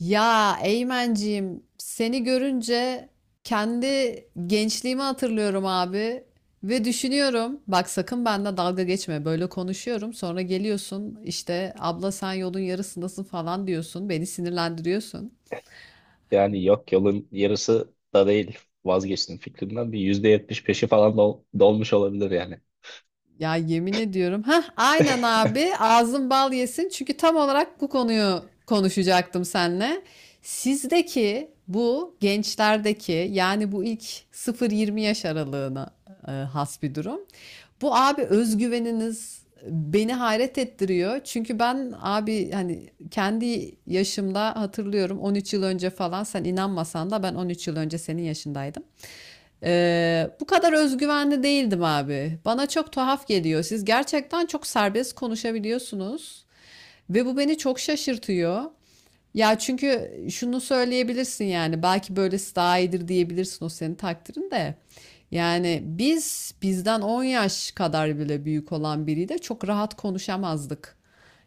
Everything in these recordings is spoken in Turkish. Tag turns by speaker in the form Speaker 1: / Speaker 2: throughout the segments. Speaker 1: Ya Eymenciğim seni görünce kendi gençliğimi hatırlıyorum abi ve düşünüyorum bak sakın benden dalga geçme böyle konuşuyorum sonra geliyorsun işte abla sen yolun yarısındasın falan diyorsun beni sinirlendiriyorsun.
Speaker 2: Yani yok yolun yarısı da değil. Vazgeçtim fikrimden. Bir %70 peşi falan dolmuş olabilir yani.
Speaker 1: Ya yemin ediyorum. Ha, aynen abi. Ağzın bal yesin. Çünkü tam olarak bu konuyu konuşacaktım seninle. Sizdeki bu gençlerdeki yani bu ilk 0-20 yaş aralığına has bir durum. Bu abi özgüveniniz beni hayret ettiriyor. Çünkü ben abi hani kendi yaşımda hatırlıyorum 13 yıl önce falan sen inanmasan da ben 13 yıl önce senin yaşındaydım. Bu kadar özgüvenli değildim abi. Bana çok tuhaf geliyor. Siz gerçekten çok serbest konuşabiliyorsunuz ve bu beni çok şaşırtıyor. Ya çünkü şunu söyleyebilirsin yani belki böylesi daha iyidir diyebilirsin o senin takdirin de. Yani biz bizden 10 yaş kadar bile büyük olan biriyle çok rahat konuşamazdık.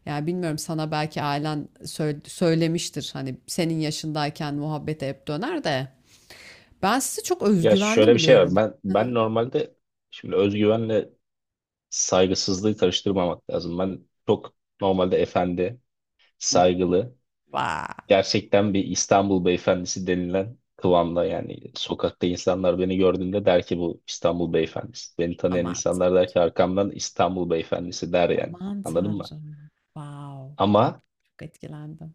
Speaker 1: Yani bilmiyorum sana belki ailen söylemiştir hani senin yaşındayken muhabbete hep döner de ben sizi çok
Speaker 2: Ya
Speaker 1: özgüvenli
Speaker 2: şöyle bir şey var.
Speaker 1: buluyorum.
Speaker 2: Ben normalde şimdi özgüvenle saygısızlığı karıştırmamak lazım. Ben çok normalde efendi,
Speaker 1: Hımm.
Speaker 2: saygılı,
Speaker 1: Vay!
Speaker 2: gerçekten bir İstanbul beyefendisi denilen kıvamda yani sokakta insanlar beni gördüğünde der ki bu İstanbul beyefendisi. Beni tanıyan
Speaker 1: Aman
Speaker 2: insanlar
Speaker 1: Tanrım,
Speaker 2: der ki arkamdan İstanbul beyefendisi der yani.
Speaker 1: aman
Speaker 2: Anladın mı?
Speaker 1: Tanrım. Wow!
Speaker 2: Ama
Speaker 1: Çok etkilendim.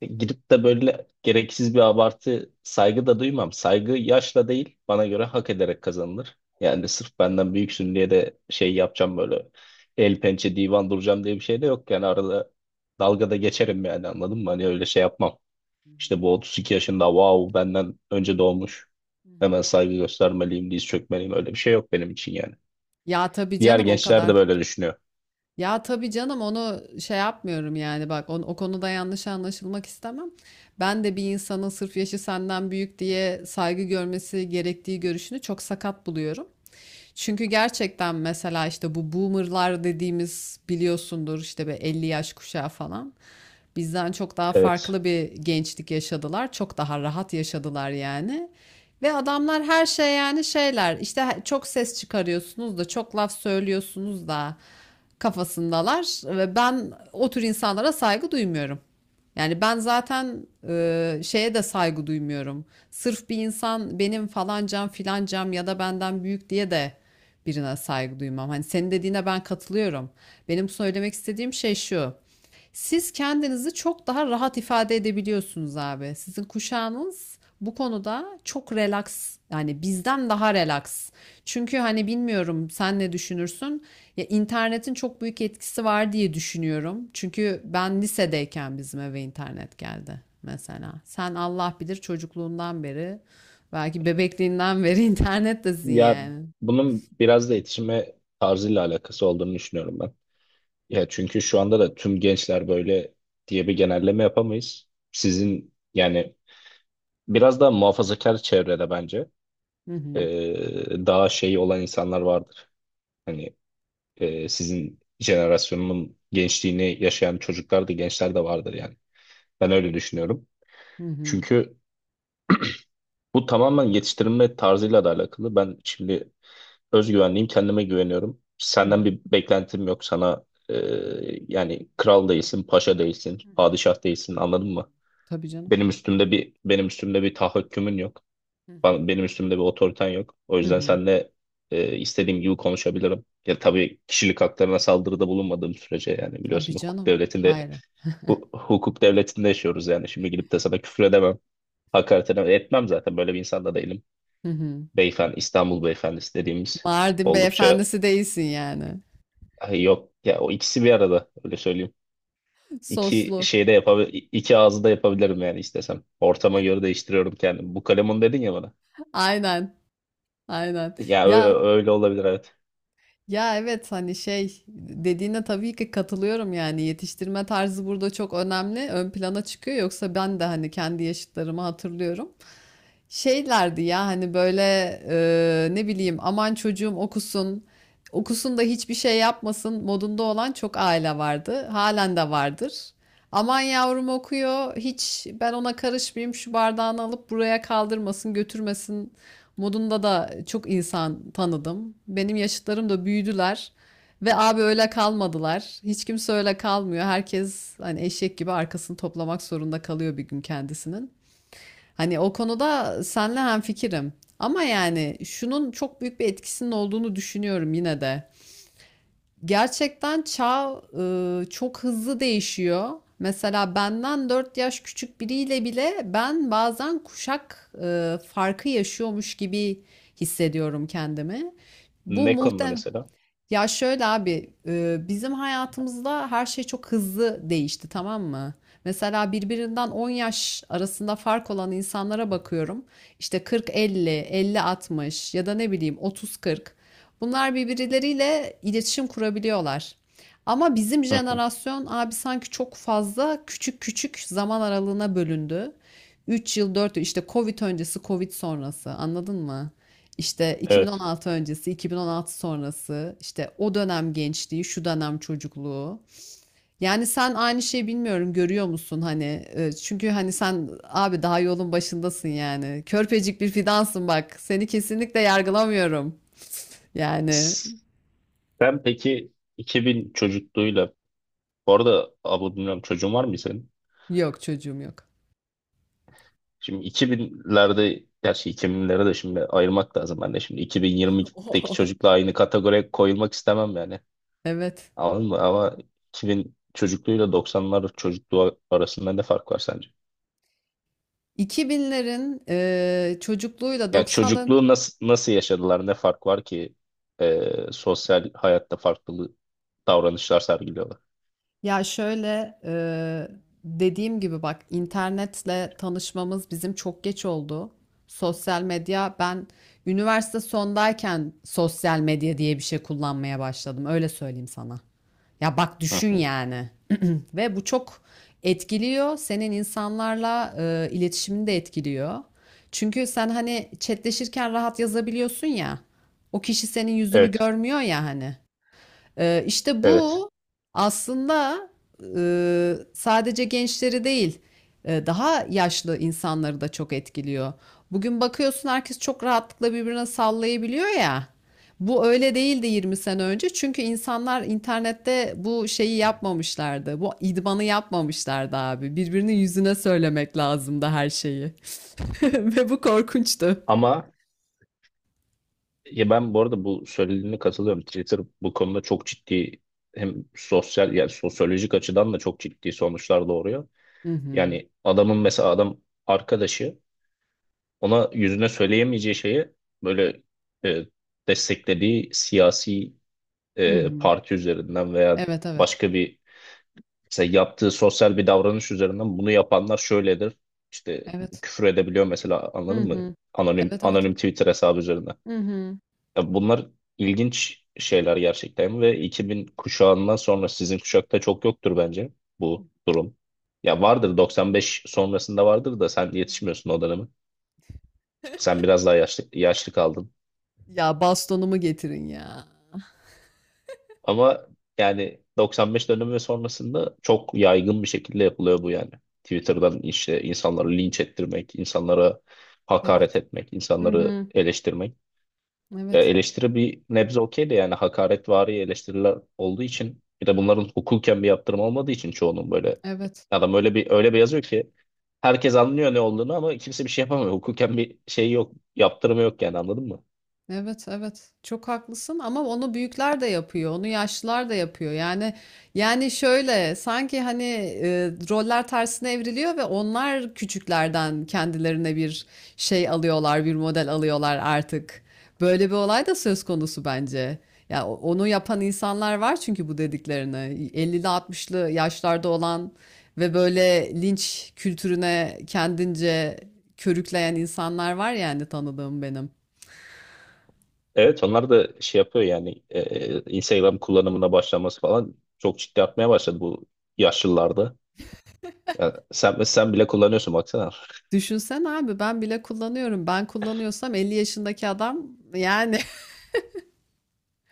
Speaker 2: gidip de böyle gereksiz bir abartı saygı da duymam. Saygı yaşla değil bana göre hak ederek kazanılır. Yani sırf benden büyüksün diye de şey yapacağım böyle el pençe divan duracağım diye bir şey de yok. Yani arada dalgada geçerim yani anladın mı? Hani öyle şey yapmam.
Speaker 1: Hı hı.
Speaker 2: İşte bu 32 yaşında wow benden önce doğmuş.
Speaker 1: Hı
Speaker 2: Hemen
Speaker 1: hı.
Speaker 2: saygı göstermeliyim, diz çökmeliyim öyle bir şey yok benim için yani.
Speaker 1: Ya, tabii
Speaker 2: Diğer
Speaker 1: canım o
Speaker 2: gençler de
Speaker 1: kadar.
Speaker 2: böyle düşünüyor.
Speaker 1: Ya, tabii canım onu şey yapmıyorum yani bak o konuda yanlış anlaşılmak istemem. Ben de bir insanın sırf yaşı senden büyük diye saygı görmesi gerektiği görüşünü çok sakat buluyorum. Çünkü gerçekten mesela işte bu boomerlar dediğimiz biliyorsundur işte be 50 yaş kuşağı falan. Bizden çok daha
Speaker 2: Evet.
Speaker 1: farklı bir gençlik yaşadılar. Çok daha rahat yaşadılar yani. Ve adamlar her şey yani şeyler işte çok ses çıkarıyorsunuz da çok laf söylüyorsunuz da kafasındalar ve ben o tür insanlara saygı duymuyorum. Yani ben zaten şeye de saygı duymuyorum. Sırf bir insan benim falancam filancam ya da benden büyük diye de birine saygı duymam. Hani senin dediğine ben katılıyorum. Benim söylemek istediğim şey şu. Siz kendinizi çok daha rahat ifade edebiliyorsunuz abi. Sizin kuşağınız bu konuda çok relax yani bizden daha relax. Çünkü hani bilmiyorum sen ne düşünürsün? Ya internetin çok büyük etkisi var diye düşünüyorum. Çünkü ben lisedeyken bizim eve internet geldi mesela. Sen Allah bilir çocukluğundan beri belki bebekliğinden beri internettesin
Speaker 2: Ya
Speaker 1: yani.
Speaker 2: bunun biraz da yetişme tarzıyla alakası olduğunu düşünüyorum. Ya çünkü şu anda da tüm gençler böyle diye bir genelleme yapamayız. Sizin yani biraz daha muhafazakar çevrede bence
Speaker 1: Hı
Speaker 2: e,
Speaker 1: hı.
Speaker 2: daha şey olan insanlar vardır. Hani sizin jenerasyonunun gençliğini yaşayan çocuklar da gençler de vardır yani. Ben öyle düşünüyorum.
Speaker 1: Hı hı.
Speaker 2: Çünkü bu tamamen yetiştirilme tarzıyla da alakalı. Ben şimdi özgüvenliyim, kendime güveniyorum.
Speaker 1: Hı hı.
Speaker 2: Senden bir beklentim yok. Sana e, yani kral değilsin, paşa değilsin,
Speaker 1: Hı hı.
Speaker 2: padişah değilsin anladın mı?
Speaker 1: Tabii canım.
Speaker 2: Benim üstümde bir tahakkümün yok.
Speaker 1: Hı hı.
Speaker 2: Benim üstümde bir otoriten yok. O
Speaker 1: Hı
Speaker 2: yüzden
Speaker 1: hı.
Speaker 2: seninle istediğim gibi konuşabilirim. Ya tabii kişilik haklarına saldırıda bulunmadığım sürece yani biliyorsun
Speaker 1: Tabii
Speaker 2: hukuk
Speaker 1: canım.
Speaker 2: devletinde
Speaker 1: Hayır.
Speaker 2: hukuk devletinde yaşıyoruz yani. Şimdi gidip de sana küfür edemem. Hakaret edemem. Etmem zaten böyle bir insan da değilim.
Speaker 1: Hı hı.
Speaker 2: Beyefendi, İstanbul beyefendisi dediğimiz
Speaker 1: Mardin
Speaker 2: oldukça
Speaker 1: beyefendisi değilsin yani.
Speaker 2: ay yok ya o ikisi bir arada öyle söyleyeyim. İki
Speaker 1: Soslu.
Speaker 2: şeyde yapabilir, iki ağzı da yapabilirim yani istesem. Ortama göre değiştiriyorum kendimi. Bu kalemun dedin ya bana.
Speaker 1: Aynen, aynen.
Speaker 2: Ya öyle,
Speaker 1: Ya
Speaker 2: öyle olabilir evet.
Speaker 1: ya evet hani şey dediğine tabii ki katılıyorum yani yetiştirme tarzı burada çok önemli, ön plana çıkıyor. Yoksa ben de hani kendi yaşıtlarımı hatırlıyorum şeylerdi ya hani böyle ne bileyim aman çocuğum okusun okusun da hiçbir şey yapmasın modunda olan çok aile vardı halen de vardır aman yavrum okuyor hiç ben ona karışmayayım şu bardağını alıp buraya kaldırmasın götürmesin modunda da çok insan tanıdım benim yaşıtlarım da büyüdüler ve abi öyle kalmadılar hiç kimse öyle kalmıyor herkes hani eşek gibi arkasını toplamak zorunda kalıyor bir gün kendisinin. Hani o konuda senle hemfikirim. Ama yani şunun çok büyük bir etkisinin olduğunu düşünüyorum yine de. Gerçekten çağ çok hızlı değişiyor. Mesela benden 4 yaş küçük biriyle bile ben bazen kuşak farkı yaşıyormuş gibi hissediyorum kendimi. Bu
Speaker 2: Ne konuda
Speaker 1: muhtem
Speaker 2: mesela?
Speaker 1: ya şöyle abi, bizim hayatımızda her şey çok hızlı değişti, tamam mı? Mesela birbirinden 10 yaş arasında fark olan insanlara bakıyorum. İşte kırk, elli, elli 60 ya da ne bileyim otuz, kırk. Bunlar birbirleriyle iletişim kurabiliyorlar. Ama bizim
Speaker 2: Hı hı.
Speaker 1: jenerasyon abi sanki çok fazla küçük küçük zaman aralığına bölündü. 3 yıl, 4 yıl işte Covid öncesi, Covid sonrası anladın mı? İşte
Speaker 2: Evet.
Speaker 1: 2016 öncesi, 2016 sonrası, işte o dönem gençliği, şu dönem çocukluğu. Yani sen aynı şeyi bilmiyorum görüyor musun hani? Çünkü hani sen abi daha yolun başındasın yani. Körpecik bir fidansın bak. Seni kesinlikle yargılamıyorum. Yani
Speaker 2: Sen peki 2000 çocukluğuyla bu arada abla bilmiyorum çocuğun var mı senin?
Speaker 1: yok çocuğum yok.
Speaker 2: Şimdi 2000'lerde gerçi 2000'lere de şimdi ayırmak lazım ben de şimdi 2020'deki çocukla aynı kategoriye koyulmak istemem yani.
Speaker 1: Evet.
Speaker 2: Anladın mı? Ama 2000 çocukluğuyla 90'lar çocukluğu arasında ne fark var sence?
Speaker 1: 2000'lerin çocukluğuyla
Speaker 2: Ya
Speaker 1: 90'ların.
Speaker 2: çocukluğu nasıl yaşadılar? Ne fark var ki e, sosyal hayatta farklı davranışlar sergiliyorlar?
Speaker 1: Ya şöyle dediğim gibi bak internetle tanışmamız bizim çok geç oldu. Sosyal medya ben üniversite sondayken sosyal medya diye bir şey kullanmaya başladım. Öyle söyleyeyim sana. Ya bak
Speaker 2: Hı
Speaker 1: düşün
Speaker 2: hı.
Speaker 1: yani. Ve bu çok etkiliyor. Senin insanlarla iletişimini de etkiliyor. Çünkü sen hani chatleşirken rahat yazabiliyorsun ya. O kişi senin yüzünü
Speaker 2: Evet,
Speaker 1: görmüyor ya hani. İşte
Speaker 2: evet.
Speaker 1: bu aslında sadece gençleri değil, daha yaşlı insanları da çok etkiliyor. Bugün bakıyorsun herkes çok rahatlıkla birbirine sallayabiliyor ya. Bu öyle değildi 20 sene önce. Çünkü insanlar internette bu şeyi yapmamışlardı. Bu idmanı yapmamışlardı abi. Birbirinin yüzüne söylemek lazımdı her şeyi. Ve bu korkunçtu.
Speaker 2: Ama ya ben bu arada bu söylediğine katılıyorum. Twitter bu konuda çok ciddi hem sosyal yani sosyolojik açıdan da çok ciddi sonuçlar doğuruyor.
Speaker 1: Hı hı.
Speaker 2: Yani adamın mesela adam arkadaşı ona yüzüne söyleyemeyeceği şeyi böyle e, desteklediği siyasi
Speaker 1: Hı hı.
Speaker 2: parti üzerinden veya
Speaker 1: Evet evet.
Speaker 2: başka bir mesela yaptığı sosyal bir davranış üzerinden bunu yapanlar şöyledir. İşte
Speaker 1: Evet.
Speaker 2: küfür edebiliyor mesela
Speaker 1: Hı
Speaker 2: anladın mı?
Speaker 1: hı.
Speaker 2: Anonim
Speaker 1: Evet evet.
Speaker 2: anonim Twitter hesabı üzerinden.
Speaker 1: Hı hı.
Speaker 2: Ya bunlar ilginç şeyler gerçekten ve 2000 kuşağından sonra sizin kuşakta çok yoktur bence bu durum. Ya vardır 95 sonrasında vardır da sen yetişmiyorsun o döneme. Sen biraz daha yaşlı, yaşlı kaldın.
Speaker 1: Ya bastonumu getirin ya.
Speaker 2: Ama yani 95 dönemi ve sonrasında çok yaygın bir şekilde yapılıyor bu yani. Twitter'dan işte insanları linç ettirmek, insanlara hakaret
Speaker 1: Evet.
Speaker 2: etmek,
Speaker 1: Hı
Speaker 2: insanları
Speaker 1: hı.
Speaker 2: eleştirmek. Ya
Speaker 1: Evet.
Speaker 2: eleştiri bir nebze okey de yani hakaretvari eleştiriler olduğu için bir de bunların hukuken bir yaptırım olmadığı için çoğunun böyle
Speaker 1: Evet.
Speaker 2: adam öyle bir yazıyor ki herkes anlıyor ne olduğunu ama kimse bir şey yapamıyor. Hukuken bir şey yok, yaptırımı yok yani anladın mı?
Speaker 1: Evet, evet. Çok haklısın ama onu büyükler de yapıyor, onu yaşlılar da yapıyor. Yani şöyle sanki hani e, roller tersine evriliyor ve onlar küçüklerden kendilerine bir şey alıyorlar, bir model alıyorlar artık. Böyle bir olay da söz konusu bence. Ya onu yapan insanlar var çünkü bu dediklerini 50'li 60'lı yaşlarda olan ve böyle linç kültürüne kendince körükleyen insanlar var yani tanıdığım benim.
Speaker 2: Evet onlar da şey yapıyor yani Instagram kullanımına başlaması falan çok ciddi artmaya başladı bu yaşlılarda. Yani sen bile kullanıyorsun baksana.
Speaker 1: Düşünsen abi ben bile kullanıyorum. Ben kullanıyorsam 50 yaşındaki adam yani.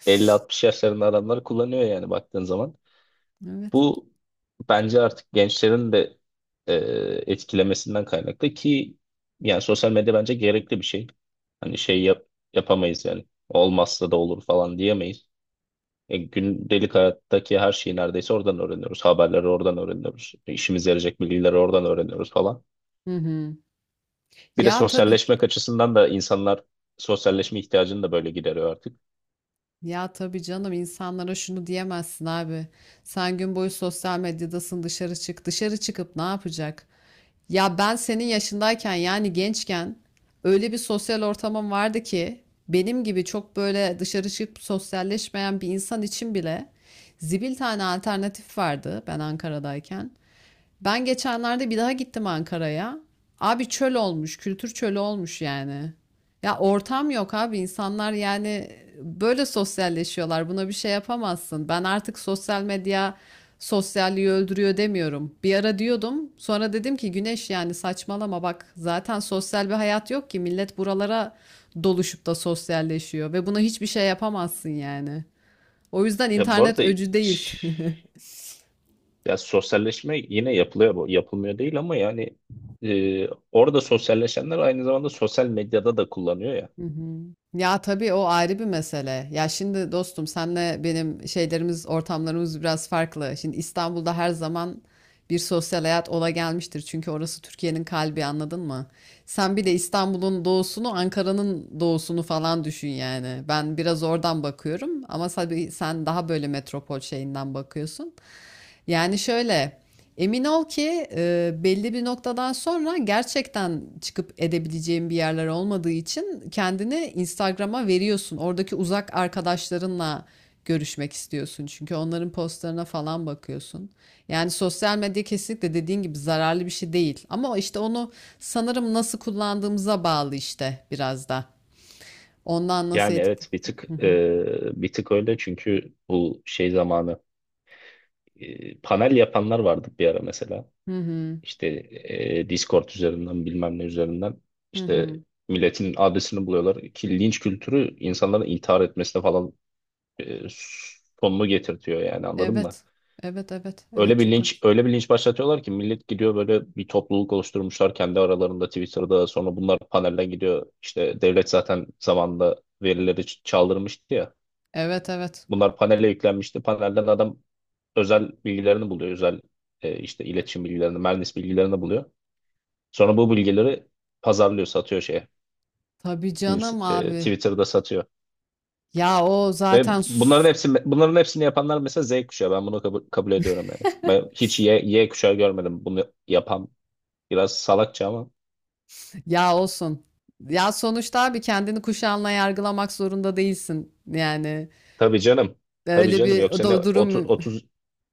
Speaker 2: 50-60 yaşlarında adamlar kullanıyor yani baktığın zaman.
Speaker 1: Evet.
Speaker 2: Bu bence artık gençlerin de e, etkilemesinden kaynaklı ki yani sosyal medya bence gerekli bir şey. Hani şey yap, yapamayız yani. Olmazsa da olur falan diyemeyiz. Gündelik hayattaki her şeyi neredeyse oradan öğreniyoruz. Haberleri oradan öğreniyoruz. İşimize yarayacak bilgileri oradan öğreniyoruz falan.
Speaker 1: Hı hı.
Speaker 2: Bir de
Speaker 1: Ya tabii.
Speaker 2: sosyalleşmek açısından da insanlar sosyalleşme ihtiyacını da böyle gideriyor artık.
Speaker 1: Ya tabii canım insanlara şunu diyemezsin abi. Sen gün boyu sosyal medyadasın dışarı çık. Dışarı çıkıp ne yapacak? Ya ben senin yaşındayken yani gençken öyle bir sosyal ortamım vardı ki benim gibi çok böyle dışarı çıkıp sosyalleşmeyen bir insan için bile zibil tane alternatif vardı ben Ankara'dayken. Ben geçenlerde bir daha gittim Ankara'ya. Abi çöl olmuş, kültür çölü olmuş yani. Ya ortam yok abi insanlar yani böyle sosyalleşiyorlar. Buna bir şey yapamazsın. Ben artık sosyal medya sosyalliği öldürüyor demiyorum. Bir ara diyordum. Sonra dedim ki Güneş yani saçmalama bak. Zaten sosyal bir hayat yok ki. Millet buralara doluşup da sosyalleşiyor ve buna hiçbir şey yapamazsın yani. O yüzden
Speaker 2: Ya bu
Speaker 1: internet
Speaker 2: arada
Speaker 1: öcü değil.
Speaker 2: ş- ya sosyalleşme yine yapılıyor, yapılmıyor değil ama yani orada sosyalleşenler aynı zamanda sosyal medyada da kullanıyor ya.
Speaker 1: Hı hı. Ya tabii o ayrı bir mesele. Ya şimdi dostum senle benim şeylerimiz, ortamlarımız biraz farklı. Şimdi İstanbul'da her zaman bir sosyal hayat ola gelmiştir. Çünkü orası Türkiye'nin kalbi anladın mı? Sen bir de İstanbul'un doğusunu, Ankara'nın doğusunu falan düşün yani. Ben biraz oradan bakıyorum ama tabii sen daha böyle metropol şeyinden bakıyorsun. Yani şöyle. Emin ol ki belli bir noktadan sonra gerçekten çıkıp edebileceğin bir yerler olmadığı için kendini Instagram'a veriyorsun. Oradaki uzak arkadaşlarınla görüşmek istiyorsun çünkü onların postlarına falan bakıyorsun. Yani sosyal medya kesinlikle dediğin gibi zararlı bir şey değil. Ama işte onu sanırım nasıl kullandığımıza bağlı işte biraz da. Ondan nasıl
Speaker 2: Yani
Speaker 1: etki...
Speaker 2: evet bir tık
Speaker 1: Hı hı.
Speaker 2: e, bir tık öyle çünkü bu şey zamanı panel yapanlar vardı bir ara mesela.
Speaker 1: Hı hı.
Speaker 2: İşte Discord üzerinden bilmem ne üzerinden
Speaker 1: Hı hı.
Speaker 2: işte milletin adresini buluyorlar ki linç kültürü insanların intihar etmesine falan e, sonunu getirtiyor yani anladın mı?
Speaker 1: Evet. Evet evet
Speaker 2: Öyle
Speaker 1: evet
Speaker 2: bir
Speaker 1: çok
Speaker 2: linç,
Speaker 1: haklısın.
Speaker 2: öyle bir linç başlatıyorlar ki millet gidiyor böyle bir topluluk oluşturmuşlar kendi aralarında Twitter'da. Sonra bunlar panelden gidiyor. İşte devlet zaten zamanında verileri çaldırmıştı ya.
Speaker 1: Evet evet.
Speaker 2: Bunlar panele yüklenmişti. Panelden adam özel bilgilerini buluyor. Özel işte iletişim bilgilerini, mühendis bilgilerini buluyor. Sonra bu bilgileri pazarlıyor, satıyor şeye.
Speaker 1: Tabii canım abi.
Speaker 2: Twitter'da satıyor.
Speaker 1: Ya o
Speaker 2: Ve
Speaker 1: zaten
Speaker 2: bunların
Speaker 1: sus-
Speaker 2: hepsi bunların hepsini yapanlar mesela Z kuşağı. Ben bunu kabul ediyorum yani. Ben hiç Y kuşağı görmedim bunu yapan. Biraz salakça ama.
Speaker 1: ya olsun. Ya sonuçta abi kendini kuşağınla yargılamak zorunda değilsin. Yani
Speaker 2: Tabii canım. Tabii
Speaker 1: öyle
Speaker 2: canım.
Speaker 1: bir o
Speaker 2: Yoksa ne
Speaker 1: da
Speaker 2: 30,
Speaker 1: durum.
Speaker 2: 30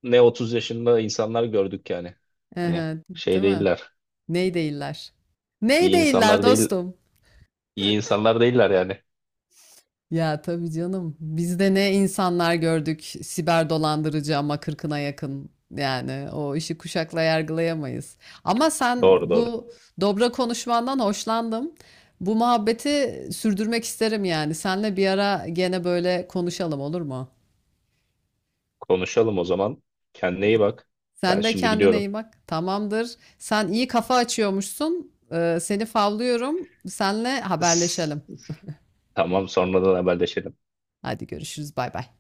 Speaker 2: ne 30 yaşında insanlar gördük yani. Hani
Speaker 1: Ehe,
Speaker 2: şey
Speaker 1: değil mi?
Speaker 2: değiller.
Speaker 1: Ney değiller? Ney
Speaker 2: İyi
Speaker 1: değiller
Speaker 2: insanlar değil.
Speaker 1: dostum?
Speaker 2: İyi insanlar değiller yani.
Speaker 1: Ya tabii canım. Biz de ne insanlar gördük. Siber dolandırıcı ama kırkına yakın. Yani o işi kuşakla yargılayamayız. Ama sen
Speaker 2: Doğru doğru.
Speaker 1: bu dobra konuşmandan hoşlandım. Bu muhabbeti sürdürmek isterim yani. Senle bir ara gene böyle konuşalım olur mu?
Speaker 2: Konuşalım o zaman. Kendine iyi bak. Ben
Speaker 1: Sen de
Speaker 2: şimdi
Speaker 1: kendine
Speaker 2: gidiyorum.
Speaker 1: iyi bak. Tamamdır. Sen iyi kafa açıyormuşsun. Seni favlıyorum. Senle haberleşelim.
Speaker 2: Tamam sonradan haberleşelim.
Speaker 1: Hadi görüşürüz. Bay bay.